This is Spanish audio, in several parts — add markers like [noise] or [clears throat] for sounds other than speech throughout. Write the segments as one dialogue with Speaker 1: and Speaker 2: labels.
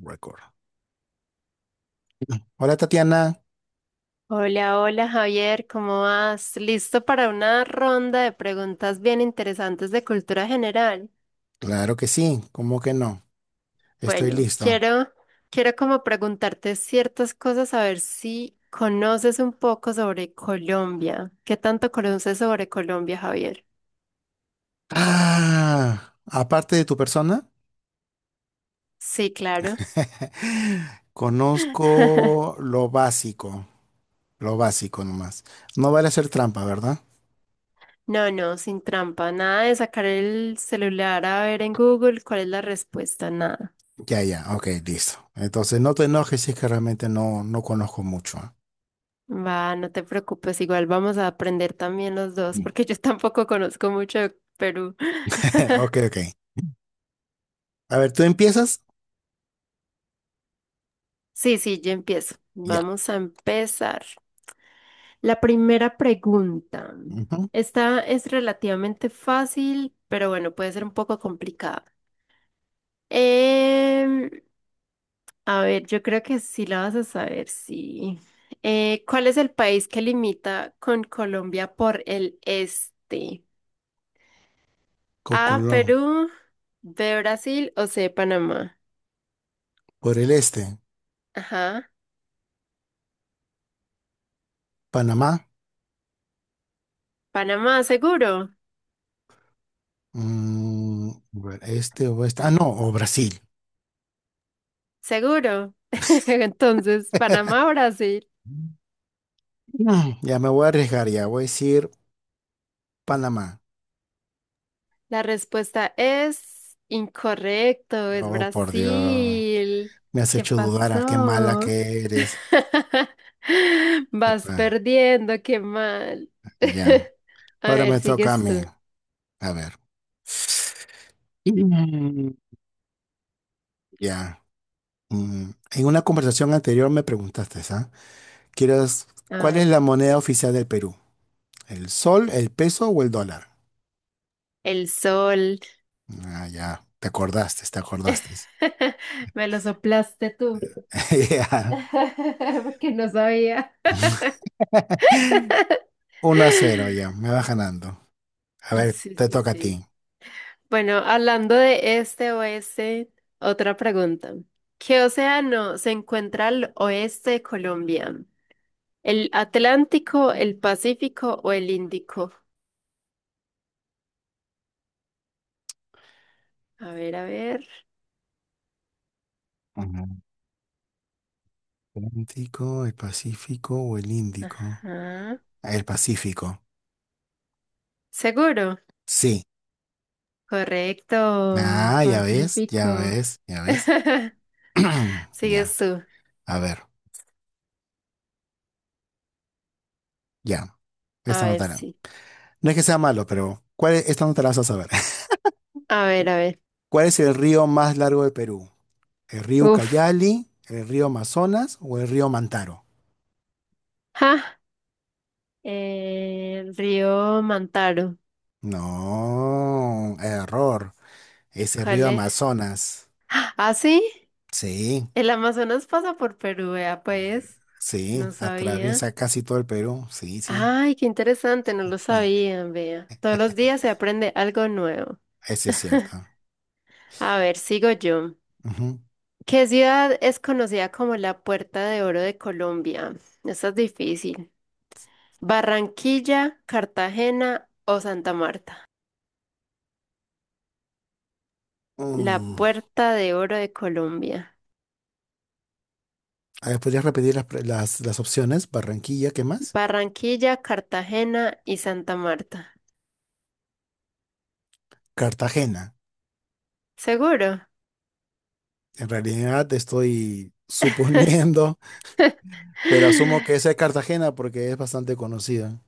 Speaker 1: Record. Hola Tatiana,
Speaker 2: Hola, hola Javier, ¿cómo vas? ¿Listo para una ronda de preguntas bien interesantes de cultura general?
Speaker 1: claro que sí, ¿cómo que no? Estoy
Speaker 2: Bueno,
Speaker 1: listo.
Speaker 2: quiero como preguntarte ciertas cosas, a ver si conoces un poco sobre Colombia. ¿Qué tanto conoces sobre Colombia, Javier?
Speaker 1: Ah, aparte de tu persona,
Speaker 2: Sí, claro.
Speaker 1: [laughs] conozco lo básico nomás. No vale hacer trampa, ¿verdad?
Speaker 2: No, no, sin trampa, nada de sacar el celular a ver en Google cuál es la respuesta, nada.
Speaker 1: Ya, ya, ok, listo. Entonces no te enojes si es que realmente no, no conozco mucho. ¿Ah?
Speaker 2: Va, no te preocupes, igual vamos a aprender también los dos,
Speaker 1: Mm.
Speaker 2: porque yo [laughs] tampoco conozco mucho de Perú.
Speaker 1: [laughs] Ok, ok. A ver, ¿tú empiezas?
Speaker 2: Sí, sí, yo empiezo.
Speaker 1: Ya.
Speaker 2: Vamos a empezar. La primera pregunta.
Speaker 1: Ujú.
Speaker 2: Esta es relativamente fácil, pero bueno, puede ser un poco complicada. Em, a ver, yo creo que sí la vas a saber, sí. ¿Cuál es el país que limita con Colombia por el este?
Speaker 1: Con
Speaker 2: A,
Speaker 1: Colón.
Speaker 2: Perú, B, Brasil o C, Panamá.
Speaker 1: Por el este,
Speaker 2: Ajá.
Speaker 1: Panamá,
Speaker 2: Panamá, seguro,
Speaker 1: a ver, este o este. Ah, no, o Brasil.
Speaker 2: seguro. [laughs] Entonces,
Speaker 1: [laughs]
Speaker 2: Panamá, Brasil.
Speaker 1: Mm, Ya me voy a arriesgar, ya voy a decir Panamá.
Speaker 2: La respuesta es incorrecto, es
Speaker 1: Oh, por Dios.
Speaker 2: Brasil.
Speaker 1: Me has
Speaker 2: ¿Qué
Speaker 1: hecho dudar, ah, qué mala
Speaker 2: pasó?
Speaker 1: que eres.
Speaker 2: [laughs]
Speaker 1: Qué
Speaker 2: Vas
Speaker 1: pa-
Speaker 2: perdiendo, qué mal.
Speaker 1: Ya.
Speaker 2: [laughs] A
Speaker 1: Ahora
Speaker 2: ver,
Speaker 1: me toca a
Speaker 2: sigues
Speaker 1: mí.
Speaker 2: tú.
Speaker 1: A ver. Mm. Ya. En una conversación anterior me preguntaste, ¿ah? ¿Quieres,
Speaker 2: A
Speaker 1: ¿Cuál es
Speaker 2: ver,
Speaker 1: la moneda oficial del Perú? ¿El sol, el peso o el dólar?
Speaker 2: el sol.
Speaker 1: Ah, ya. Te acordaste, te acordaste.
Speaker 2: [laughs] Me lo soplaste tú.
Speaker 1: [laughs] Ya.
Speaker 2: [laughs] Porque no sabía.
Speaker 1: [laughs]
Speaker 2: [laughs]
Speaker 1: Uno a 0, ya. Me va ganando. A ver,
Speaker 2: Sí,
Speaker 1: te
Speaker 2: sí,
Speaker 1: toca a
Speaker 2: sí.
Speaker 1: ti.
Speaker 2: Bueno, hablando de este oeste, otra pregunta. ¿Qué océano se encuentra al oeste de Colombia? ¿El Atlántico, el Pacífico o el Índico? A ver, a ver.
Speaker 1: Ajá. Atlántico, el Pacífico o el Índico.
Speaker 2: Ajá.
Speaker 1: Ah, el Pacífico.
Speaker 2: ¿Seguro?
Speaker 1: Sí.
Speaker 2: Correcto,
Speaker 1: Ah, ya ves, ya
Speaker 2: Pacífico.
Speaker 1: ves, ya ves.
Speaker 2: [laughs]
Speaker 1: [clears throat]
Speaker 2: Sigues
Speaker 1: Ya,
Speaker 2: tú.
Speaker 1: a ver, ya.
Speaker 2: A
Speaker 1: Esta no
Speaker 2: ver,
Speaker 1: te la-
Speaker 2: sí.
Speaker 1: No es que sea malo, pero esta no te la vas a saber. [laughs]
Speaker 2: A ver,
Speaker 1: Cu-
Speaker 2: a ver.
Speaker 1: ¿Cuál es el río más largo de Perú? ¿El río
Speaker 2: Uf.
Speaker 1: Ucayali, el río Amazonas o el río Mantaro?
Speaker 2: Ja. El río Mantaro.
Speaker 1: No, error. Es el
Speaker 2: ¿Cuál
Speaker 1: río
Speaker 2: es?
Speaker 1: Amazonas.
Speaker 2: ¿Ah, sí?
Speaker 1: Sí.
Speaker 2: El Amazonas pasa por Perú, vea, pues.
Speaker 1: Sí,
Speaker 2: No sabía.
Speaker 1: atraviesa casi todo el Perú. Sí, sí.
Speaker 2: Ay, qué interesante, no lo
Speaker 1: Eh,
Speaker 2: sabían, vea. Todos los días se aprende algo nuevo.
Speaker 1: Ese es cierto.
Speaker 2: [laughs] A ver, sigo yo.
Speaker 1: Ujú.
Speaker 2: ¿Qué ciudad es conocida como la Puerta de Oro de Colombia? Esta es difícil. ¿Barranquilla, Cartagena o Santa Marta? La
Speaker 1: Mm.
Speaker 2: Puerta de Oro de Colombia.
Speaker 1: A ver, ¿podrías repetir las opciones? Barranquilla, ¿qué más?
Speaker 2: Barranquilla, Cartagena y Santa Marta.
Speaker 1: Cartagena.
Speaker 2: ¿Seguro?
Speaker 1: En realidad estoy suponiendo, [laughs] pero asumo que
Speaker 2: [laughs]
Speaker 1: esa es Cartagena porque es bastante conocida.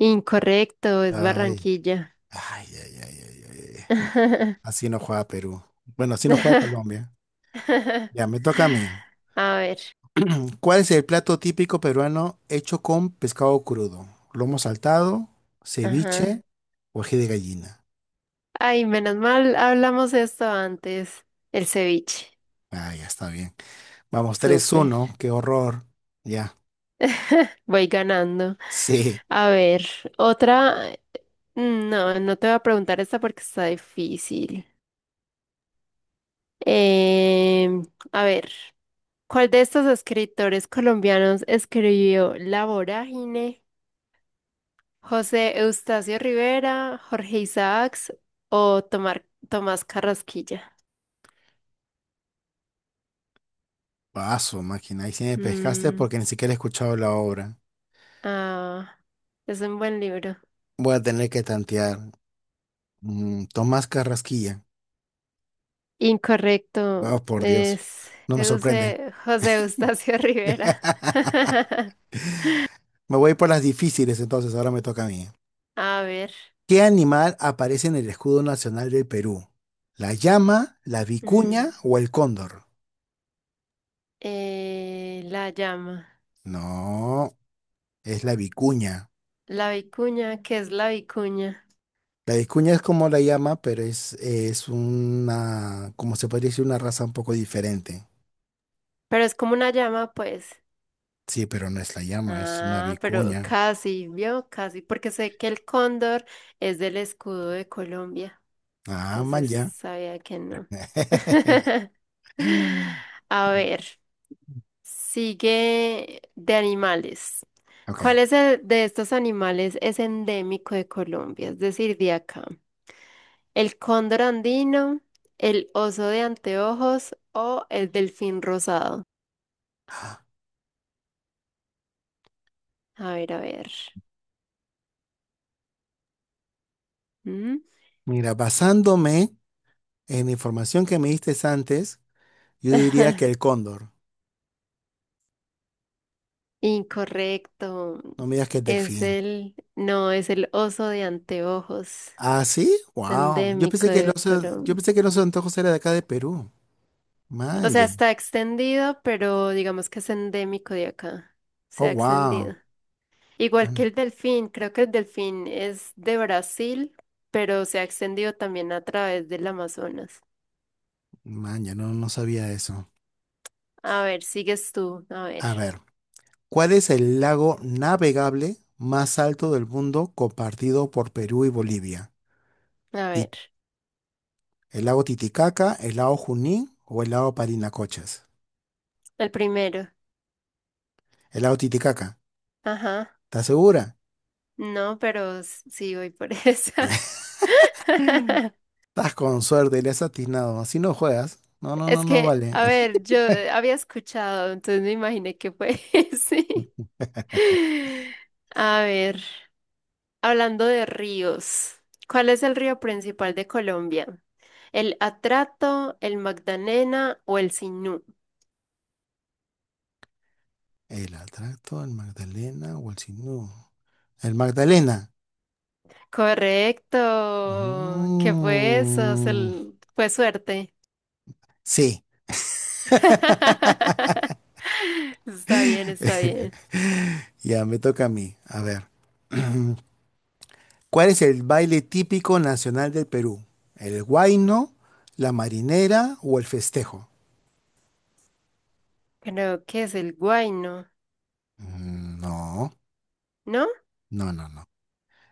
Speaker 2: Incorrecto, es
Speaker 1: Ay,
Speaker 2: Barranquilla.
Speaker 1: ay, ay, ay, ay, ay, ay.
Speaker 2: [laughs]
Speaker 1: Así no juega Perú. Bueno, así no juega Colombia. Ya, me toca a mí.
Speaker 2: A ver.
Speaker 1: ¿Cuál es el plato típico peruano hecho con pescado crudo? Lomo saltado, ceviche
Speaker 2: Ajá.
Speaker 1: o ají de gallina.
Speaker 2: Ay, menos mal hablamos esto antes. El ceviche.
Speaker 1: Ah, ya está bien. Vamos, tres
Speaker 2: Súper.
Speaker 1: uno, qué horror. Ya,
Speaker 2: [laughs] Voy ganando.
Speaker 1: sí.
Speaker 2: A ver, otra. No, no te voy a preguntar esta porque está difícil. Em, a ver, ¿cuál de estos escritores colombianos escribió La Vorágine? José Eustacio Rivera, Jorge Isaacs o Tomás Carrasquilla.
Speaker 1: Paso, máquina. Ahí sí me pescaste
Speaker 2: Mm,
Speaker 1: porque ni siquiera he escuchado la obra.
Speaker 2: ah, es un buen libro.
Speaker 1: Voy a tener que tantear. Tomás Carrasquilla.
Speaker 2: Incorrecto,
Speaker 1: Oh, por Dios.
Speaker 2: es
Speaker 1: No me sorprende.
Speaker 2: José Eustacio [laughs] Rivera.
Speaker 1: [laughs]
Speaker 2: [laughs]
Speaker 1: Me voy por las difíciles entonces, ahora me toca a mí.
Speaker 2: A ver,
Speaker 1: ¿Qué animal aparece en el escudo nacional del Perú? ¿La llama, la
Speaker 2: mm,
Speaker 1: vicuña o el cóndor?
Speaker 2: la llama,
Speaker 1: No, es la vicuña.
Speaker 2: la vicuña, ¿qué es la vicuña?
Speaker 1: La vicuña es como la llama, pero es una, como se podría decir, una raza un poco diferente.
Speaker 2: Pero es como una llama, pues.
Speaker 1: Sí, pero no es la llama, es una
Speaker 2: Ah, pero
Speaker 1: vicuña.
Speaker 2: casi, vio, casi, porque sé que el cóndor es del escudo de Colombia.
Speaker 1: Ah, man,
Speaker 2: Entonces
Speaker 1: ya.
Speaker 2: sabía que no.
Speaker 1: [laughs]
Speaker 2: [laughs] A ver, sigue de animales.
Speaker 1: Ok.
Speaker 2: ¿Cuál es el de estos animales es endémico de Colombia? Es decir, de acá. ¿El cóndor andino, el oso de anteojos o el delfín rosado? A ver, a ver. ¿Mm?
Speaker 1: Mira, basándome en la información que me diste antes, yo diría que el
Speaker 2: [laughs]
Speaker 1: cóndor.
Speaker 2: Incorrecto.
Speaker 1: No me digas que el
Speaker 2: Es
Speaker 1: delfín.
Speaker 2: el, no, es el oso de anteojos.
Speaker 1: Ah, sí,
Speaker 2: Es
Speaker 1: wow.
Speaker 2: endémico de
Speaker 1: Yo
Speaker 2: Colombia.
Speaker 1: pensé que el oso de antojos era de acá de Perú.
Speaker 2: O sea,
Speaker 1: Manja.
Speaker 2: está extendido, pero digamos que es endémico de acá. Se
Speaker 1: Oh,
Speaker 2: ha
Speaker 1: wow.
Speaker 2: extendido. Igual que el delfín, creo que el delfín es de Brasil, pero se ha extendido también a través del Amazonas.
Speaker 1: Manja, no, no sabía eso.
Speaker 2: A ver, sigues tú. A ver,
Speaker 1: A ver, ¿cuál es el lago navegable más alto del mundo compartido por Perú y Bolivia?
Speaker 2: a
Speaker 1: Ti-
Speaker 2: ver.
Speaker 1: ¿El lago Titicaca, el lago Junín o el lago Parinacochas?
Speaker 2: El primero.
Speaker 1: El lago Titicaca,
Speaker 2: Ajá.
Speaker 1: ¿estás segura?
Speaker 2: No, pero sí voy por [laughs] esa.
Speaker 1: [laughs]
Speaker 2: [laughs]
Speaker 1: Estás con suerte, le has atinado. Así no juegas. No, no, no,
Speaker 2: Es
Speaker 1: no
Speaker 2: que,
Speaker 1: vale.
Speaker 2: a
Speaker 1: [laughs]
Speaker 2: ver, yo había escuchado, entonces me imaginé que fue [laughs] sí. A ver. Hablando de ríos, ¿cuál es el río principal de Colombia? ¿El Atrato, el Magdalena o el Sinú?
Speaker 1: ¿El atracto, el Magdalena o el Sinú? El Magdalena.
Speaker 2: Correcto. ¿Qué fue eso?
Speaker 1: Mm,
Speaker 2: Fue suerte.
Speaker 1: sí. [laughs]
Speaker 2: [laughs] Está bien, está bien.
Speaker 1: Ya, me toca a mí. A ver. [clears throat] ¿Cuál es el baile típico nacional del Perú? ¿El huayno, la marinera o el festejo?
Speaker 2: Creo que es el Guayno,
Speaker 1: Mm, no,
Speaker 2: ¿no?
Speaker 1: no, no, no.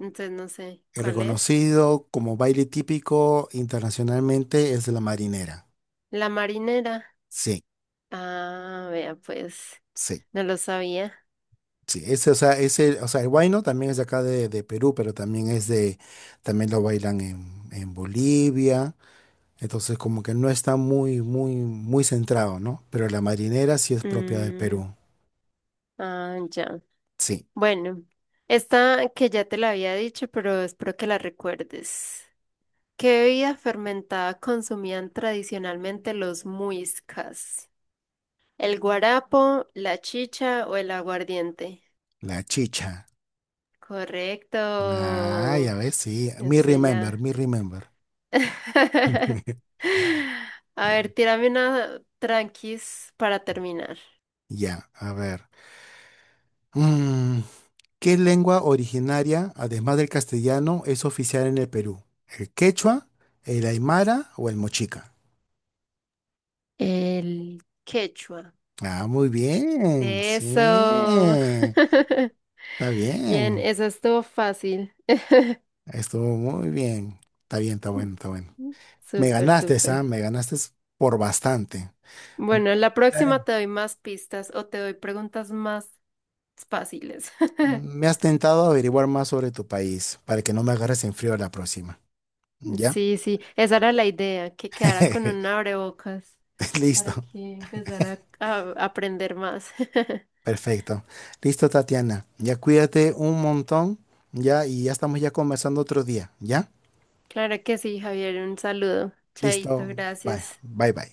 Speaker 2: Entonces no sé,
Speaker 1: El
Speaker 2: ¿cuál es?
Speaker 1: reconocido como baile típico internacionalmente es la marinera.
Speaker 2: La marinera.
Speaker 1: Sí,
Speaker 2: Ah, vea, pues,
Speaker 1: sí.
Speaker 2: no lo sabía.
Speaker 1: Sí, ese, o sea, el huayno también es de acá de Perú, pero también es de, también lo bailan en Bolivia. Entonces, como que no está muy, muy, muy centrado, ¿no? Pero la marinera sí es propia del
Speaker 2: Mm,
Speaker 1: Perú.
Speaker 2: ya.
Speaker 1: Sí,
Speaker 2: Bueno, esta que ya te la había dicho, pero espero que la recuerdes. ¿Qué bebida fermentada consumían tradicionalmente los muiscas? ¿El guarapo, la chicha o el aguardiente?
Speaker 1: la chicha. Ah,
Speaker 2: Correcto.
Speaker 1: ya ves, sí. Me
Speaker 2: Ese
Speaker 1: remember,
Speaker 2: ya.
Speaker 1: me remember.
Speaker 2: [laughs]
Speaker 1: [laughs]
Speaker 2: A ver, tírame una tranquis para terminar.
Speaker 1: Ya, a ver. Mm, ¿Qué lengua originaria, además del castellano, es oficial en el Perú? ¿El quechua, el aymara o el mochica?
Speaker 2: El quechua.
Speaker 1: Ah, muy bien,
Speaker 2: Eso.
Speaker 1: sí, está
Speaker 2: [laughs] Bien,
Speaker 1: bien,
Speaker 2: eso estuvo fácil.
Speaker 1: estuvo muy bien, está
Speaker 2: [laughs]
Speaker 1: bueno, está bueno.
Speaker 2: Ujú.
Speaker 1: Me
Speaker 2: Súper,
Speaker 1: ganaste,
Speaker 2: súper.
Speaker 1: Sam, me ganaste por bastante. Voy
Speaker 2: Bueno, la
Speaker 1: a
Speaker 2: próxima
Speaker 1: intentar-
Speaker 2: te doy más pistas o te doy preguntas más fáciles. [laughs]
Speaker 1: Me has tentado a averiguar más sobre tu país para que no me agarres en frío la próxima, ¿ya?
Speaker 2: Sí, sí, esa era la idea, que quedara con un
Speaker 1: [laughs]
Speaker 2: abrebocas para
Speaker 1: Listo,
Speaker 2: que empezara a aprender más. [laughs]
Speaker 1: perfecto. Listo, Tatiana, ya cuídate un montón, ya, y ya estamos ya conversando otro día, ¿ya?
Speaker 2: Claro que sí, Javier, un saludo. Chaito,
Speaker 1: Listo, bye,
Speaker 2: gracias.
Speaker 1: bye, bye.